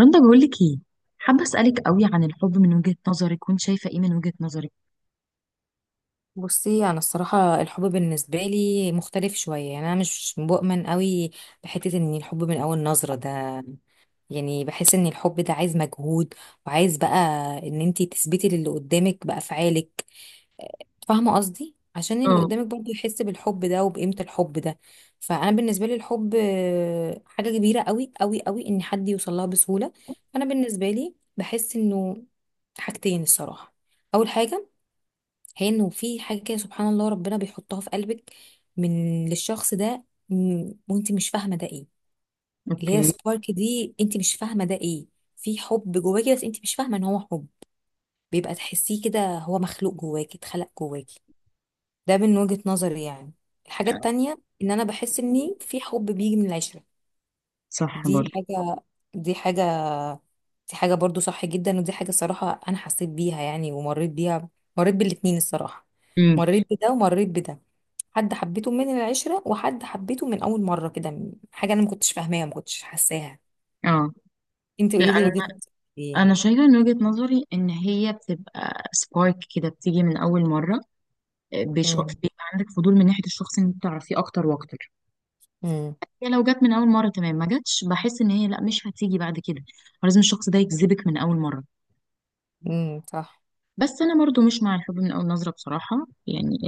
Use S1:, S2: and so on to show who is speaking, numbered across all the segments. S1: رندا بقول لك ايه. حابه اسالك قوي عن الحب من وجهة نظرك، وانت شايفه ايه من وجهة نظرك؟
S2: بصي، انا الصراحه الحب بالنسبه لي مختلف شويه، يعني انا مش بؤمن قوي بحته ان الحب من اول نظره ده. يعني بحس ان الحب ده عايز مجهود، وعايز بقى ان انتي تثبتي للي قدامك بافعالك. فاهمه قصدي؟ عشان اللي قدامك
S1: اه.
S2: برضه يحس بالحب ده وبقيمه الحب ده. فانا بالنسبه لي الحب حاجه كبيره قوي قوي قوي ان حد يوصل لها بسهوله. انا بالنسبه لي بحس انه حاجتين الصراحه. اول حاجه، هي انه في حاجه كده سبحان الله ربنا بيحطها في قلبك من للشخص ده. وانت مش فاهمه ده ايه. اللي هي
S1: اوكي.
S2: سبارك دي انت مش فاهمه ده ايه. في حب جواكي بس انت مش فاهمه ان هو حب، بيبقى تحسيه كده هو مخلوق جواكي اتخلق جواكي. ده من وجهه نظري يعني. الحاجه التانية، ان انا بحس اني في حب بيجي من العشره.
S1: صح
S2: دي
S1: برضه.
S2: حاجه دي حاجه دي حاجه برضو صح جدا، ودي حاجه الصراحه انا حسيت بيها يعني ومريت بيها. مريت بالاتنين الصراحه.
S1: امم.
S2: مريت بده ومريت بده. حد حبيته من العشرة وحد حبيته من أول مرة كده. حاجة أنا ما كنتش فاهماها ما كنتش حاساها.
S1: اه،
S2: أنت
S1: لا
S2: قولي لي
S1: انا
S2: وجهة نظرك. إيه؟
S1: انا شايفه من وجهة نظري ان هي بتبقى سبارك كده، بتيجي من اول مره. بيش-
S2: امم.
S1: بيبقى عندك فضول من ناحيه الشخص ان انت تعرفيه اكتر واكتر.
S2: امم.
S1: يعني لو جت من اول مره تمام، ما جاتش بحس ان هي لا، مش هتيجي بعد كده. لازم الشخص ده يجذبك من اول مره.
S2: امم. صح.
S1: بس انا برضو مش مع الحب من اول نظره بصراحه، يعني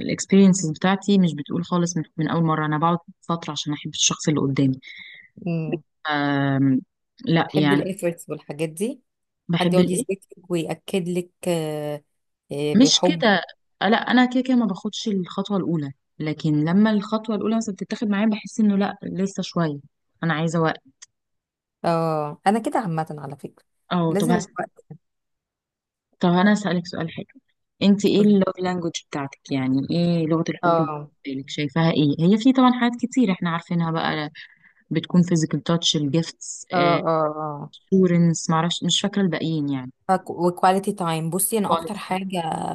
S1: الاكسبيرينسز بتاعتي مش بتقول خالص من اول مره. انا بقعد فتره عشان احب الشخص اللي قدامي.
S2: امم.
S1: أم لا
S2: بحب
S1: يعني.
S2: الإيفورتس والحاجات دي. حد
S1: بحب
S2: يقعد
S1: الايه؟
S2: يثبت لك ويأكد لك. آه، آه،
S1: مش
S2: بحبه.
S1: كده. لا انا كده كده ما باخدش الخطوه الاولى، لكن لما الخطوه الاولى مثلا بتتاخد معايا بحس انه لا، لسه شويه، انا عايزه وقت.
S2: اه، أنا كده عامة على فكرة.
S1: اه،
S2: لازم الوقت.
S1: طب انا اسالك سؤال حلو. انت ايه
S2: كله.
S1: اللوف لانجوج بتاعتك؟ يعني ايه لغه الحب
S2: اه.
S1: بالنسبه لك؟ شايفاها ايه؟ هي في طبعا حاجات كتير احنا عارفينها بقى، بتكون physical touch، الجيفتس،
S2: اه، اه.
S1: assurance، معرفش، مش فاكرة الباقيين يعني.
S2: اه، وكواليتي تايم. بصي، أنا أكتر
S1: quality.
S2: حاجة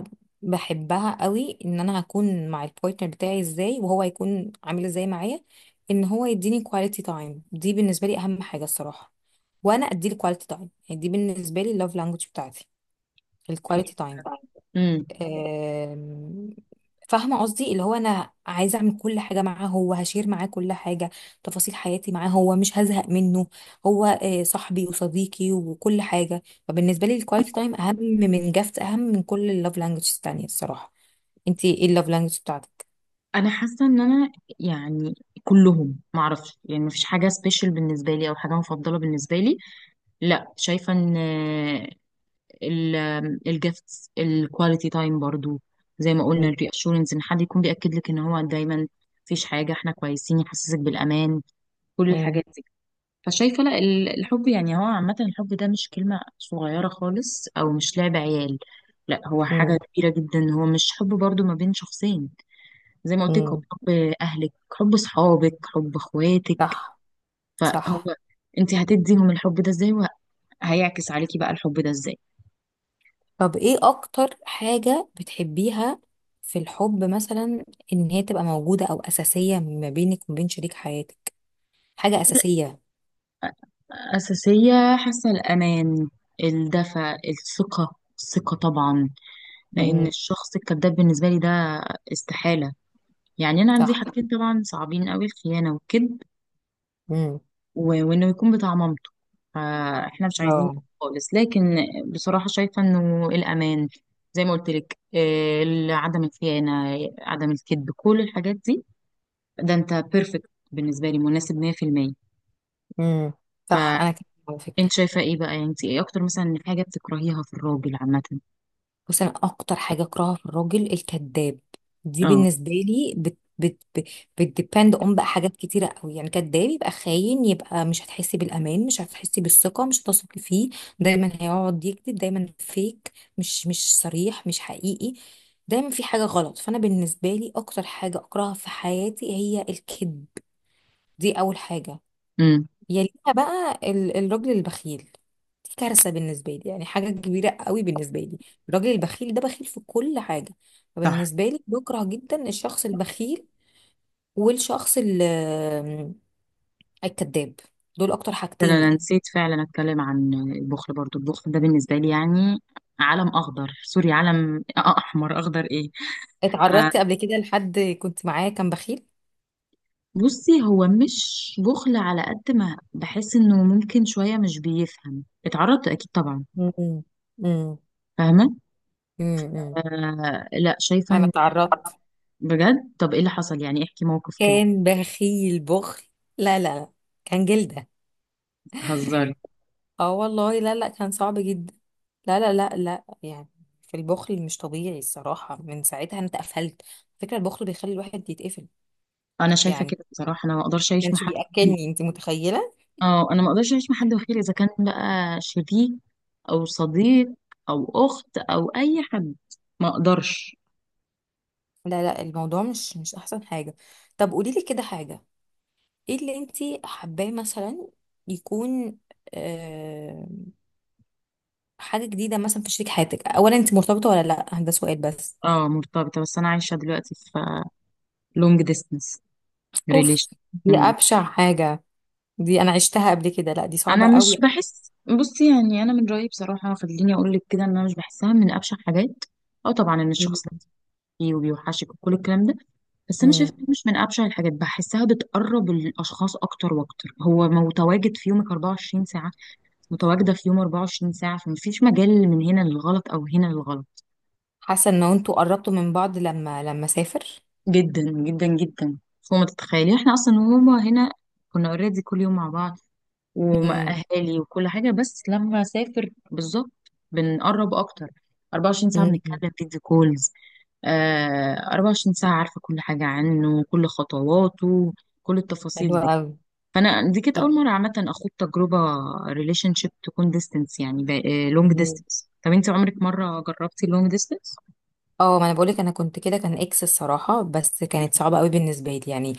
S2: بحبها قوي ان انا هكون مع البارتنر بتاعي ازاي وهو هيكون عامل ازاي معايا. ان هو يديني كواليتي تايم دي بالنسبه لي اهم حاجه الصراحه. وانا اديله كواليتي تايم، يعني دي بالنسبه لي اللوف لانجوج بتاعتي، الكواليتي تايم.
S1: امم.
S2: آم، فاهمة قصدي، اللي هو أنا عايزة أعمل كل حاجة معاه، هو هشير معاه كل حاجة. تفاصيل حياتي معاه، هو مش هزهق منه. هو صاحبي وصديقي وكل حاجة. فبالنسبة لي الكواليتي تايم أهم من جافت، أهم من كل اللوف لانجوج التانية الصراحة. انتي ايه اللوف لانجوج بتاعتك؟
S1: انا حاسة ان انا يعني كلهم، معرفش يعني، مفيش حاجة سبيشال بالنسبة لي او حاجة مفضلة بالنسبة لي. لا شايفة ان الجيفتس، الكواليتي تايم برضو زي ما قلنا،
S2: مم،
S1: الريأشورنس ان حد يكون بيأكد لك ان هو دايما مفيش حاجة، احنا كويسين، يحسسك بالأمان، كل
S2: مم،
S1: الحاجات دي. فشايفة لا، الحب يعني هو عامة، الحب ده مش كلمة صغيرة خالص أو مش لعب عيال. لا، هو حاجة
S2: مم،
S1: كبيرة جدا. هو مش حب برضو ما بين شخصين، زي ما قلت لك، هو
S2: مم.
S1: حب أهلك، حب صحابك، حب أخواتك.
S2: صح،
S1: فهو
S2: صح.
S1: أنت هتديهم الحب ده إزاي وهيعكس عليكي بقى الحب ده إزاي.
S2: طب ايه أكتر حاجة بتحبيها في الحب مثلا؟ إن هي تبقى موجودة أو أساسية ما بينك وما بين شريك حياتك؟ حاجة أساسية.
S1: أساسية حاسة الأمان، الدفء، الثقة، الثقة طبعا. لأن
S2: امم.
S1: الشخص الكذاب بالنسبة لي ده استحالة. يعني أنا عندي
S2: صح.
S1: حاجتين طبعا صعبين أوي، الخيانة والكذب،
S2: امم.
S1: وانه يكون بتاع مامته، فاحنا مش عايزين
S2: اه.
S1: خالص. لكن بصراحة شايفة انه الامان، زي ما قلت لك، عدم الخيانة، عدم الكذب، كل الحاجات دي، ده انت بيرفكت بالنسبة لي، مناسب 100%.
S2: امم. صح، أنا كده
S1: فانت
S2: على فكرة.
S1: شايفة ايه بقى؟ يعني انت ايه اكتر مثلا حاجة بتكرهيها في الراجل عامة؟
S2: بس أنا أكتر حاجة أكرهها في الراجل الكذاب. دي
S1: اه.
S2: بالنسبة لي بت بت بت بتديبند أون بقى حاجات كتيرة قوي. يعني كذاب يبقى خاين، يبقى مش هتحسي بالأمان، مش هتحسي بالثقة، مش هتثقي فيه. دايما هيقعد يكذب، دايما فيك، مش صريح، مش حقيقي. دايما في حاجة غلط. فأنا بالنسبة لي أكتر حاجة أكرهها في حياتي هي الكذب. دي أول حاجة.
S1: امم.
S2: يليها بقى الراجل البخيل. دي كارثة بالنسبة لي، يعني حاجة كبيرة قوي بالنسبة لي. الراجل البخيل ده بخيل في كل حاجة.
S1: صح.
S2: فبالنسبة لي بكره جدا الشخص البخيل. والشخص الكذاب. دول أكتر
S1: ده انا
S2: حاجتين
S1: أنا
S2: يعني.
S1: نسيت فعلا اتكلم عن البخل برضو. البخل ده بالنسبة لي يعني علم اخضر سوري، علم احمر، اخضر ايه. آه،
S2: اتعرضت قبل كده لحد كنت معاه كان بخيل.
S1: بصي هو مش بخل، على قد ما بحس انه ممكن شوية مش بيفهم. اتعرضت اكيد طبعا.
S2: امم. امم.
S1: فاهمة.
S2: امم.
S1: آه، لا شايفة
S2: أنا
S1: ان
S2: اتعرضت.
S1: بجد. طب ايه اللي حصل يعني؟ احكي موقف كده.
S2: كان بخيل بخل. لا، لا، لا. كان جلدة.
S1: هزاري.
S2: اه، والله، لا، لا، كان صعب جدا. لا، لا، لا، لا، يعني. في البخل مش طبيعي الصراحة، من ساعتها انت قفلت. فكرة البخل بيخلي الواحد يتقفل.
S1: انا شايفة
S2: يعني
S1: كده بصراحة، انا ما اقدرش
S2: ما
S1: اعيش مع
S2: كانش
S1: حد وحيد.
S2: بيأكلني، انت متخيلة.
S1: اه، انا ما اقدرش اعيش مع حد وحيد، اذا كان بقى شريك او صديق او اخت او اي حد، ما اقدرش.
S2: لا، لا، الموضوع مش احسن حاجة. طب قولي لي كده حاجة. ايه اللي انت حباه مثلا يكون آه حاجة جديدة مثلا في شريك حياتك؟ اولا، انت مرتبطة ولا لا؟ ده سؤال بس.
S1: اه، مرتبطة، بس انا عايشة دلوقتي في لونج ديستنس
S2: اوف.
S1: ريليشن.
S2: دي ابشع حاجة. دي انا عشتها قبل كده، لا دي
S1: انا
S2: صعبة
S1: مش
S2: قوي.
S1: بحس، بصي يعني، انا من رايي بصراحه، خليني اقول لك كده، ان انا مش بحسها من ابشع حاجات. اه طبعا، ان الشخص لازم فيه وبيوحشك وكل الكلام ده، بس انا
S2: مم.
S1: شايفه إن مش من ابشع الحاجات. بحسها بتقرب الاشخاص اكتر واكتر. هو متواجد في يومك 24 ساعه، متواجده في يوم 24 ساعه، فمفيش مجال من هنا للغلط او هنا للغلط.
S2: حاسه ان انتوا قربتوا من بعض لما سافر.
S1: جدا جدا جدا فوق ما تتخيلي. احنا اصلا وهما هنا كنا اوريدي كل يوم مع بعض
S2: امم.
S1: ومأهالي وكل حاجة، بس لما أسافر بالظبط بنقرب أكتر. 24 ساعة
S2: أمم.
S1: بنتكلم فيديو كولز. آه، 24 ساعة عارفة كل حاجة عنه، كل خطواته، كل التفاصيل
S2: حلوه
S1: دي.
S2: قوي.
S1: فأنا دي كانت
S2: طب.
S1: أول مرة عامة أخوض تجربة ريليشن شيب تكون ديستنس، يعني لونج
S2: أمم.
S1: ديستنس. طب أنت عمرك مرة جربتي لونج ديستنس؟
S2: اه، ما انا بقولك، انا كنت كده، كان اكس الصراحه، بس كانت صعبه قوي بالنسبه لي يعني.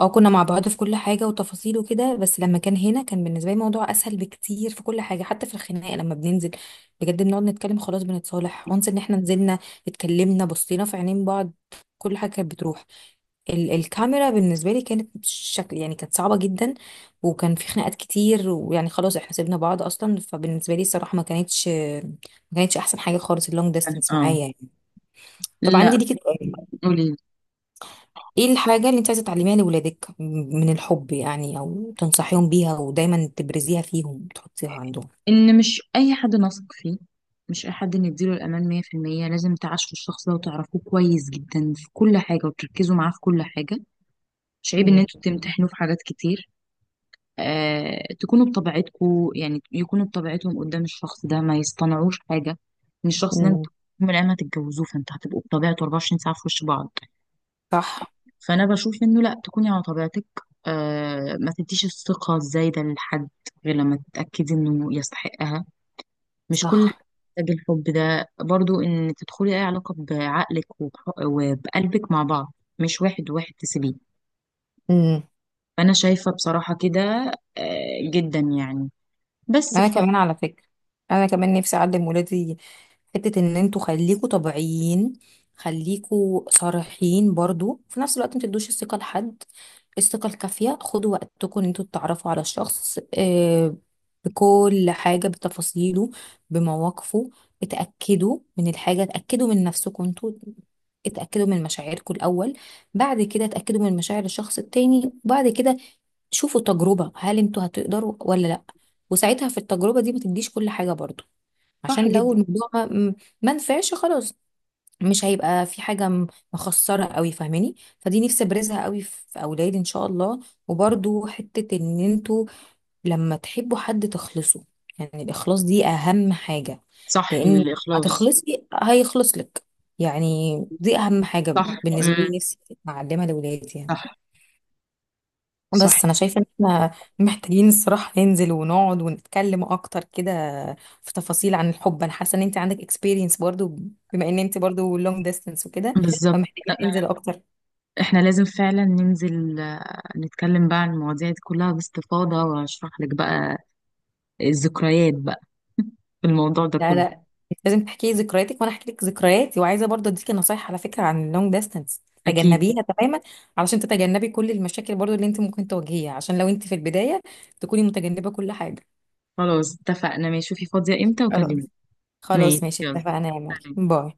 S2: اه، كنا مع بعض في كل حاجة وتفاصيل وكده، بس لما كان هنا كان بالنسبة لي الموضوع أسهل بكتير في كل حاجة، حتى في الخناقة لما بننزل. بجد، بنقعد نتكلم خلاص، بنتصالح وانس ان احنا نزلنا. اتكلمنا، بصينا في عينين بعض. كل حاجة كانت بتروح. الكاميرا بالنسبة لي كانت شكل يعني، كانت صعبة جدا. وكان في خناقات كتير، ويعني خلاص احنا سيبنا بعض أصلا. فبالنسبة لي الصراحة ما كانتش أحسن حاجة خالص اللونج ديستانس
S1: اه.
S2: معايا يعني. طبعا،
S1: لا.
S2: عندي ليكي سؤال.
S1: قولي.
S2: ايه الحاجة اللي انت عايزة تعلميها لولادك من الحب؟ يعني او تنصحيهم بيها ودايما تبرزيها فيهم تحطيها عندهم.
S1: ان مش اي حد نثق فيه، مش اي حد نديله الامان 100%. لازم تعاشروا الشخص ده وتعرفوه كويس جدا في كل حاجه، وتركزوا معاه في كل حاجه. مش عيب ان
S2: مم.
S1: انتوا تمتحنوا في حاجات كتير. آه، تكونوا بطبيعتكم، يعني يكونوا بطبيعتهم قدام الشخص ده، ما يصطنعوش حاجه. ان الشخص ده
S2: مم.
S1: انتوا يوم من الايام هتتجوزوه، فانتوا هتبقوا بطبيعته 24 ساعه في وش بعض.
S2: صح.
S1: فانا بشوف انه لا، تكوني على طبيعتك. آه، ما تديش الثقه الزايده لحد غير لما تتاكدي انه يستحقها. مش كل حاجة
S2: صح.
S1: محتاج الحب ده برضو. ان تدخلي اي علاقة بعقلك وبقلبك مع بعض، مش واحد واحد تسيبيه.
S2: مم.
S1: فانا شايفة بصراحة كده. آه، جدا يعني. بس
S2: انا
S1: ف.
S2: كمان على فكرة، انا كمان نفسي اعلم ولادي. حتة ان انتوا خليكوا طبيعيين، خليكوا صريحين برضو، في نفس الوقت ما تدوش الثقة لحد. الثقة الكافية. خدوا وقتكم ان انتوا تتعرفوا على الشخص بكل حاجة، بتفاصيله، بمواقفه. اتأكدوا من الحاجة، اتأكدوا من نفسكم انتوا. اتأكدوا من مشاعركم الأول. بعد كده اتأكدوا من مشاعر الشخص التاني، وبعد كده شوفوا تجربة، هل انتوا هتقدروا ولا لأ؟ وساعتها في التجربة دي ما تديش كل حاجة برضو،
S1: صح
S2: عشان لو
S1: جدا.
S2: الموضوع ما نفعش خلاص. مش هيبقى في حاجة مخسرة قوي، فاهماني؟ فدي نفسي ابرزها قوي في اولادي ان شاء الله. وبرضو حتة ان انتوا لما تحبوا حد تخلصوا، يعني الاخلاص دي اهم حاجة.
S1: صح،
S2: لان
S1: الاخلاص.
S2: هتخلصي هيخلص لك. يعني دي اهم حاجة
S1: صح.
S2: بالنسبة
S1: مم.
S2: لي، نفسي اعلمها لاولادي يعني.
S1: صح. صح.
S2: بس انا شايفه ان احنا محتاجين الصراحه ننزل ونقعد ونتكلم اكتر كده في تفاصيل عن الحب. انا حاسه ان انت عندك اكسبيرينس برضو، بما ان انت برضو لونج ديستانس وكده،
S1: بالظبط.
S2: فمحتاجين ننزل اكتر.
S1: احنا لازم فعلا ننزل، آه، نتكلم بقى عن المواضيع دي كلها باستفاضة واشرح لك بقى الذكريات بقى في الموضوع ده
S2: لا،
S1: كله.
S2: لا. لازم تحكي لي ذكرياتك وانا احكي لك ذكرياتي، وعايزه برضو اديكي نصايح على فكره عن اللونج ديستانس،
S1: اكيد.
S2: تجنبيها تماما، علشان تتجنبي كل المشاكل برضو اللي انت ممكن تواجهيها، عشان لو انت في البدايه تكوني متجنبه كل حاجه.
S1: خلاص اتفقنا، ماشي، شوفي فاضية امتى وكلمني.
S2: خلاص. خلاص،
S1: ماشي
S2: ماشي،
S1: يلا.
S2: اتفقنا يا
S1: تاني.
S2: مريم. باي.